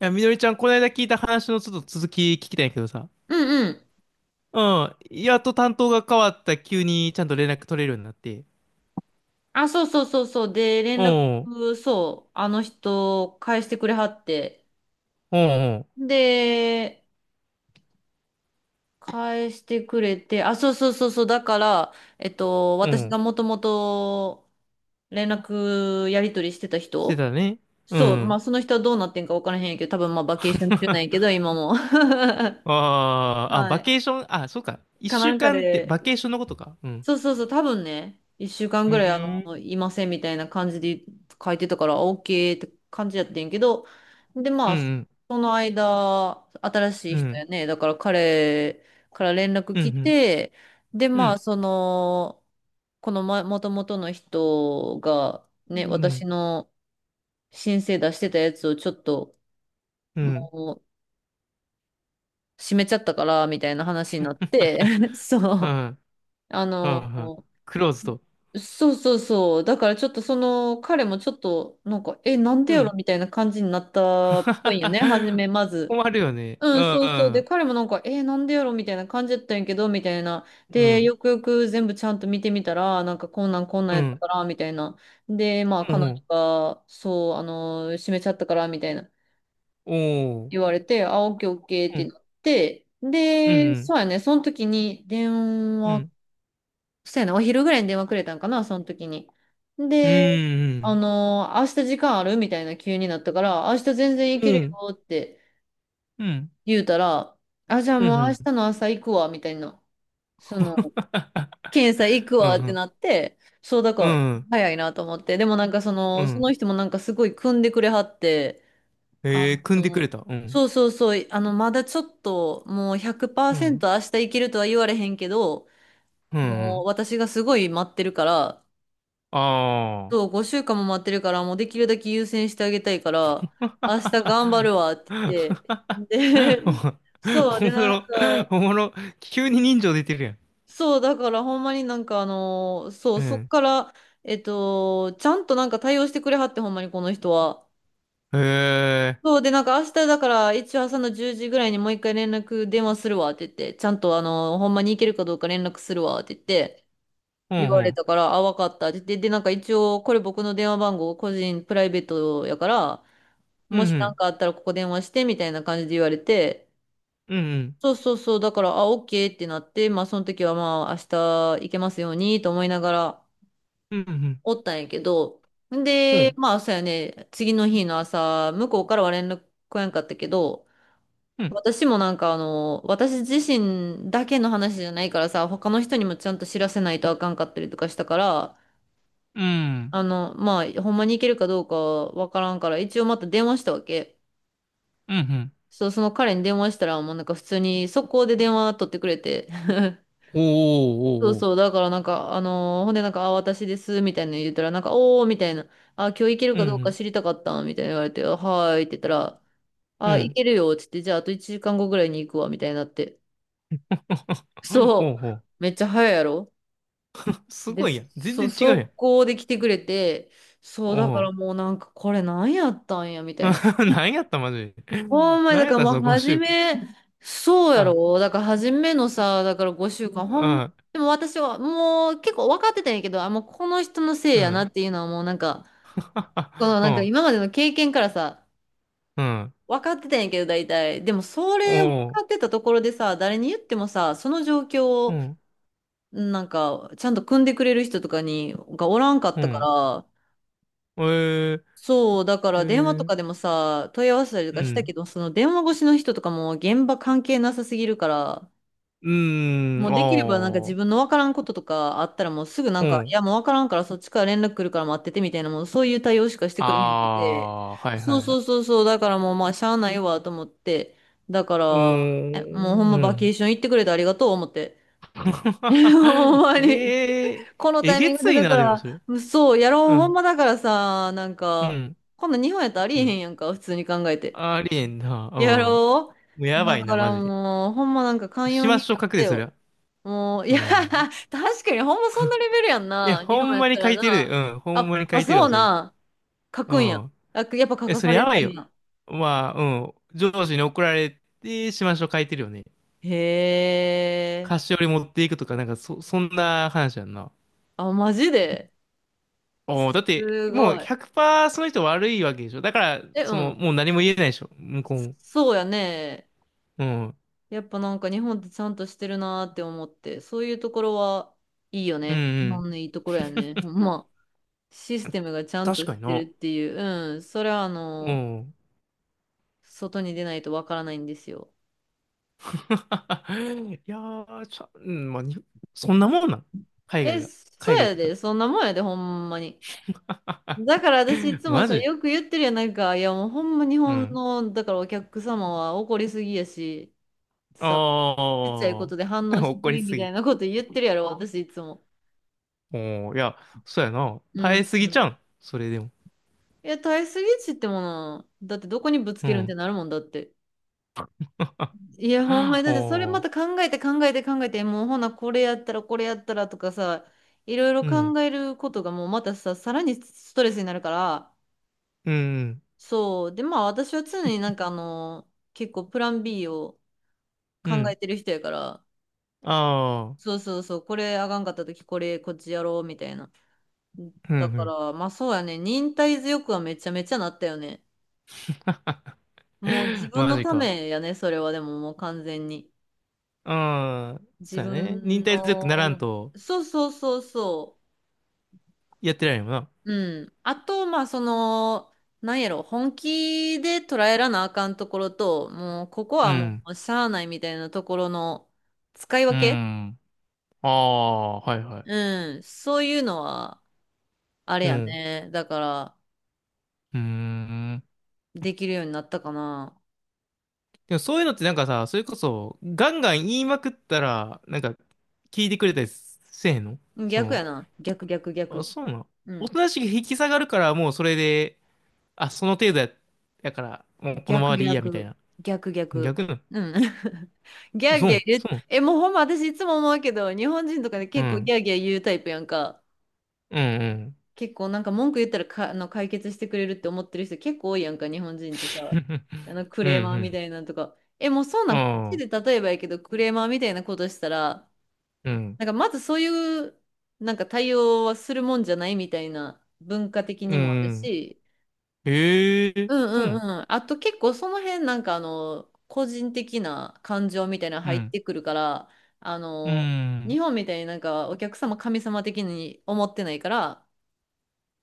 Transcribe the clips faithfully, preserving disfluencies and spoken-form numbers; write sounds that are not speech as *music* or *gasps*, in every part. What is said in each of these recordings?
いや、みのりちゃん、この間聞いた話のちょっと続き聞きたいんやけどさ。うんうん。うん。やっと担当が変わった急にちゃんと連絡取れるようになって。あ、そうそうそうそう。で、連う絡、ん。そう、あの人、返してくれはって。うん。で、返してくれて、あ、そうそうそうそう。だから、えっと、う私がん。もともと連絡やり取りしてたして人たね。うそう、まん。あ、その人はどうなってんか分からへんやけど、多分まあ、バケーション中なんやけど、*laughs* 今も。*laughs* はあーあ、バい。ケーション、あ、そうか。一かな週んか間ってで、バケーションのことか。うん。そうそうそう、多分ね、いっしゅうかんうぐらいあん。の、いませんみたいな感じで書いてたから、OK って感じやってんけど、で、まうあ、そん。の間、新しいう人やん。ね、だから彼から連絡うん。来て、で、うん。うまあ、ん。その、このま、もともとの人が、うね、私ん。の申請出してたやつをちょっと、もう、閉めちゃったから、みたいな話になって、*laughs* そうう。ん。あうの、ん。クローズド。そうそうそう。だからちょっとその彼もちょっとなんか、え、なんでうやろん。みたいな感じになったっぽいよね、初 *laughs* めまず。困るよね。ううん、ん。そうそう。うで、ん。彼もなんか、え、なんでやろみたいな感じだったんやけど、みたいな。うで、ん。よくよく全部ちゃんと見てみたら、なんかこんなんこんなんうやったん。から、みたいな。で、まあう彼女ん。が、そう、あの、閉めちゃったから、みたいなお言ー。われて、あ、オッケーオッケーっうてん。なって、うで、ん。そうやね、その時に電う話ん。そうやな、お昼ぐらいに電話くれたんかな、その時に。うん。で、うあん。のー明日時間あるみたいな急になったから、明日全然行うけるよん。ってうん。言うたら、あ、じゃあうん。うもう明ん。日の朝行くわ、みたいな。その、検査行くわってなって、そうだうから、ん。早いなと思って。でもなんかそうの、そん。の人もなんかすごい組んでくれはって、あえー、組んでくれの、た。うん。そうそうそう、あの、まだちょっと、もううん。ひゃくパーセント明日行けるとは言われへんけど、うもん。う私がすごい待ってるから、あそう、あ。ごしゅうかんも待ってるから、もうできるだけ優先してあげたいから、明日頑張る *laughs* わって言って、で、*laughs* そう、おで、もなんろ、おか、もろ、急に人情出てるやん。そう、だからほんまになんかあの、そうう、そっん。から、えっと、ちゃんとなんか対応してくれはって、ほんまにこの人は。へえ。そう、で、なんか明日だから、一応朝のじゅうじぐらいにもう一回連絡電話するわって言って、ちゃんとあの、ほんまに行けるかどうか連絡するわって言って、う言われん。たから、あ、わかったって言って、で、なんか一応、これ僕の電話番号、個人プライベートやから、うもん。しう何ん。かあったらここ電話してみたいな感じで言われて、うん。うん。そうそうそう、だから、あ、オッケーってなって、まあその時はまあ明日行けますようにと思いながらうん。おったんやけど、うん。うで、ん。まあそうやね、次の日の朝、向こうからは連絡来やんかったけど、私もなんかあの、私自身だけの話じゃないからさ、他の人にもちゃんと知らせないとあかんかったりとかしたから、あの、まあ、ほんまに行けるかどうかはわからんから、一応また電話したわけ。うん。うん。そう、その彼に電話したら、もうなんか普通に速攻で電話取ってくれて。*laughs* おそうおおお。そう、だからなんか、あのーほんでなんか、あ、私です、みたいなの言ったら、なんか、おー、みたいな、あ、今日行けるうかどうかん。知りたかった、みたいな言われて、あはーいって言ったら、うあ、行ん。けるよ、つって、じゃああといちじかんごぐらいに行くわ、みたいになって。*laughs* *laughs* そほうう、ほめっちゃ早いやろう。すで、ごいやん。全そう、然違うやん。速攻で来てくれて、そう、だおからう。もうなんか、これなんやったんや、みたいな。*laughs* 何やったマジで。ほんまに、だ何やかっらたもうその5初週間。め、そうやあ、ろ。だから初めのさ、だからごしゅうかん、ほんまに、あ、でも私はもう結構分かってたんやけど、あ、もうこの人のせいうやなん。っていうのはもうなんか、こ *laughs* のうなんかん。今までの経験からさ、*laughs* うん。分かってたんやけど大体。でもそれ分かおう。ってたところでさ、誰に言ってもさ、その状況うをん。なんか、ちゃんと組んでくれる人とかに、がおらんかっうたかん。ら、えー、そう、だかえら電話とー、かでもさ、問い合わせたりとうかしたん。けど、その電話越しの人とかも現場関係なさすぎるから、うーもん。うできればなんかお自分ー。のわからんこととかあったらもうすぐなうんか、いん。やもうわからんからそっちから連絡来るから待っててみたいな、もうそういう対応しかしてくれへんくて、あー。はいそはういはそい。うそうそう、だからもうまあしゃあないわと思って、だかうーら、え、もうほんん。まうバケーん。ション行ってくれてありがとう思って。*laughs* ほん *laughs* えまに。ー、このえタイげミングつでいだかな、でもそれ。ら、そう、やろうう、ほんん。まだからさ、なんうか、ん。こんなん日本やったらありえうへんん。やんか、普通に考えて。ありえんな。やろもううやばだいかな、マらジで。もう、ほんまなんか寛し容まにしょう、な書っくてで、そりよ。ゃ。もう、いうや、ん。*laughs* 確かにほんまそんなレベルやんいや、な。日ほ本んやまったに書らいてるで。な。うん。ほんあ、まに書あ、いてるそうわ、それ。な。書うくんや。ん。あ、やっぱ書え、かそされれやばいるんよ。や。まあ、うん。上司に怒られて、しましょう書いてるよね。へえ。菓子折り持っていくとか、なんか、そ、そんな話やんな。あ、マジでおおだって、すもうごい。ひゃくパーセントその人悪いわけでしょ。だから、え、うその、ん。もう何も言えないでしょ。向こうも。そうやね。うん。やっぱなんか日本ってちゃんとしてるなーって思って、そういうところはいいようんね。日本うのん。いいところやね。ほんま。システムがちゃん確とかしにてるな。っていう、うん、それはあうの、ん。外に出ないとわからないんですよ。*laughs* いやー、ちゃ、うん、まあ、にそんなもんなん海外え、が。そ海う外っやてか。で、そんなもんやで、ほんまに。だから私い *laughs* つもマさ、ジよく言ってるやなんか、いやもうほんま日う本ん。の、だからお客様は怒りすぎやし、さ、ちっちゃいこあとで反あ、応し *laughs* す怒りぎすみたぎ。いなこと言ってるやろ、私いつも。おお、いや、そうやな。う耐えん、すぎうちゃん。うん。それでも。いや、耐えすぎっちってもの、だってどこにぶつうけるんってん。なるもんだって。いや、ほんま *gasps* に、だおってそれまお、た考えて考えて考えて、もうほな、これやったらこれやったらとかさ、いろいろうん。考えることがもうまたさ、さらにストレスになるから、うん。そう。で、まあ私は常になんかあの、結構プラン B をう考えん。てる人やから、ああ、そうそうそう、これあがんかった時これこっちやろうみたいな。うん、うだかん。ら、まあそうやね、忍耐強くはめちゃめちゃなったよね。もう自 *laughs* 分マのジたか。めやね、それはでももう完全に。ああ、自そうやね。忍分耐強くならんの、と、そうそうそうそう。やってられんよな。うん。あと、まあ、その、なんやろ、本気で捉えらなあかんところと、もう、ここうはもん。う、しゃあないみたいなところの使いう分けん。ああ、はいはい。うん。そういうのは、あれうやん。ね。だから、うーん。できるようになったかな。でもそういうのってなんかさ、それこそ、ガンガン言いまくったら、なんか、聞いてくれたりせえへんのそ逆の、やな。逆、逆、あ、逆。そうなの。うおん。となしく引き下がるから、もうそれで、あ、その程度や、やから、もうこのま逆、までいいや、みたい逆、な。逆、逆。逆なうん。*laughs* ギャの。ーそギャーう言そう。うえ、もうほんま私いつも思うけど、日本人とかでう結構ギん。ャーギャー言うタイプやんか。うん、う結構なんか文句言ったらか、あの解決してくれるって思ってる人結構多いやんか、日本人ってさ。ん。あ *laughs* のクうレーマーみん、たいなんとか。え、もうそううなん、こっん。あちあ、で例えばやけど、クレーマーみたいなことしたら、うん。なんかまずそういう、なんか対応はするもんじゃないみたいな文化的うにもあるん。し、ええうそうなんうの。んうん。あと結構その辺なんかあの、個人的な感情みたいなのう入っん。てくるから、あうの、日ん。本みたいになんかお客様神様的に思ってないから、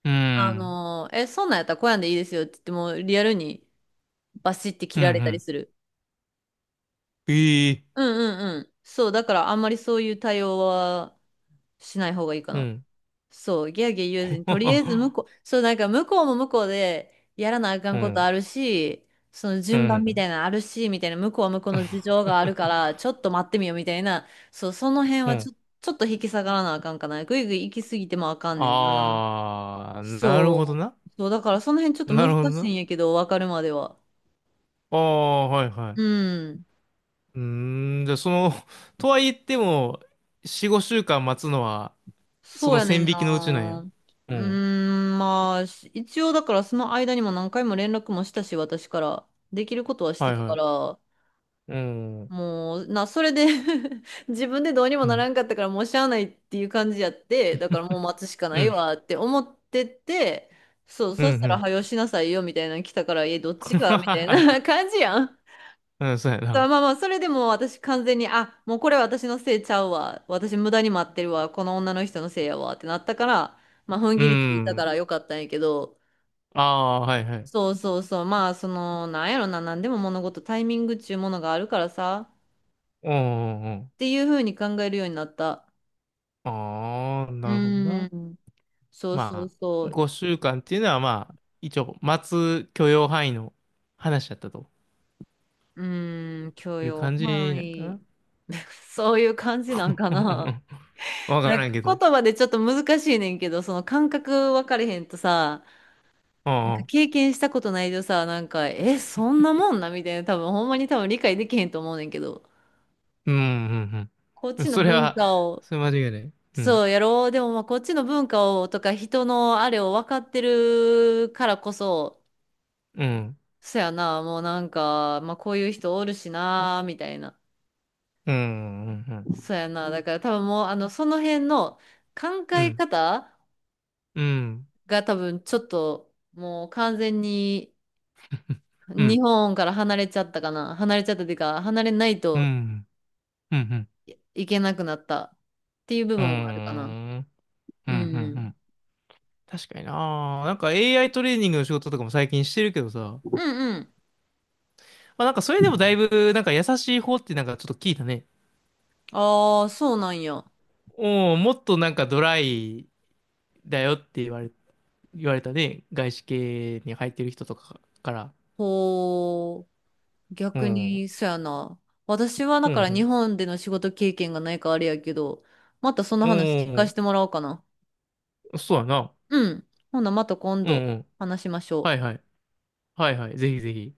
うあん。のー、え、そんなんやったらこうやんでいいですよって言っても、リアルにバシって切うん、うられたりん。する。ええうんうんうん。そう、だからあんまりそういう対応はしない方がいいかうな。ん。そう、ギャーギャー言わずに、とりあえず向 *laughs* こう、そう、なんか向こうも向こうでやらなあかうんことん。あるし、そのう順番みん。たいなのあるし、みたいな、向こうは向こうの事情があるから、ちょっと待ってみようみたいな、そう、その辺うはちん。ょ、ちょっと引き下がらなあかんかな。ぐいぐい行き過ぎてもあかんねんな。ああ、なるほどそな。う。そう、だからその辺ちょっとなるほど難しいな。んやけど、わかるまでは。ああ、はいはうい。ん。うーん、じゃあその、*laughs* とは言っても、よん、ごしゅうかん待つのは、そそうのやね線ん引きのうちなんや。な。ううーん。ん、まあ、し一応だからその間にも何回も連絡もしたし、私から。できることはしはていたかはら、い。うん。うん。もう、な、それで *laughs* 自分でどうにもならんかうったから、もうしゃあないっていう感じやって、だからもう待つしかないん。わって思ってて、そう、うん。そしたうら、ん。はよしなさいよみたいなの来たから、え、どっちがみたいな *laughs* 感 *laughs* じやん。うん、そうやまあな。まあ、それでも私完全に、あ、もうこれ私のせいちゃうわ。私無駄に待ってるわ。この女の人のせいやわってなったから、まあ踏んう切りついたかん。らよかったんやけど、ああ、はいはい。そうそうそう、まあその、なんやろな、なんでも物事タイミングっちゅうものがあるからさ、っうん。うん。ていうふうに考えるようになった。ああー、うなるほどーな。ん、そうそうまそあ、う、ごしゅうかんっていうのはまあ、一応、待つ許容範囲の話だったとうーん、許いう容感じ範なんかな。囲。*laughs* そういう感じなんかうんうな。ん *laughs* わかなんらんかけど。言葉でちょっと難しいねんけど、その感覚分かれへんとさ、うなんんうかん。経験したことないとさ、なんか、え、そんなもんなみたいな、多分ほんまに多分理解できへんと思うねんけど、うんうんこっうん。ちのそれ文は、化を、それ間違いない。うん。そうやろう、でもまあこっちの文化をとか人のあれを分かってるからこそ、うん。そやな、もうなんか、まあこういう人おるしな、みたいな。うん。うん。そうやな、だから多分もう、あの、その辺の考うえん。方うん。が多分ちょっと、もう完全にうん。日本から離れちゃったかな。離れちゃったっていうか、離れないうと、ん。うん。うん。いけなくなったっていう部分はあるかな。ううん。うん。ん確かにな。なんか エーアイ トレーニングの仕事とかも最近してるけどさ。まうんうん。あなんかそれでもだいぶ、なんか優しい方ってなんかちょっと聞いたね。ああ、そうなんや。おもっとなんかドライだよって言われ、言われたね。外資系に入ってる人とかから。ほう。う逆ん。うんに、そやな。私はだうから日ん本での仕事経験がないからあれやけど、またそのう話聞かせん。てもらおうかな。そうやな。うん。ほな、また今うん度うん。話しましょはう。いはい。はいはい。ぜひぜひ。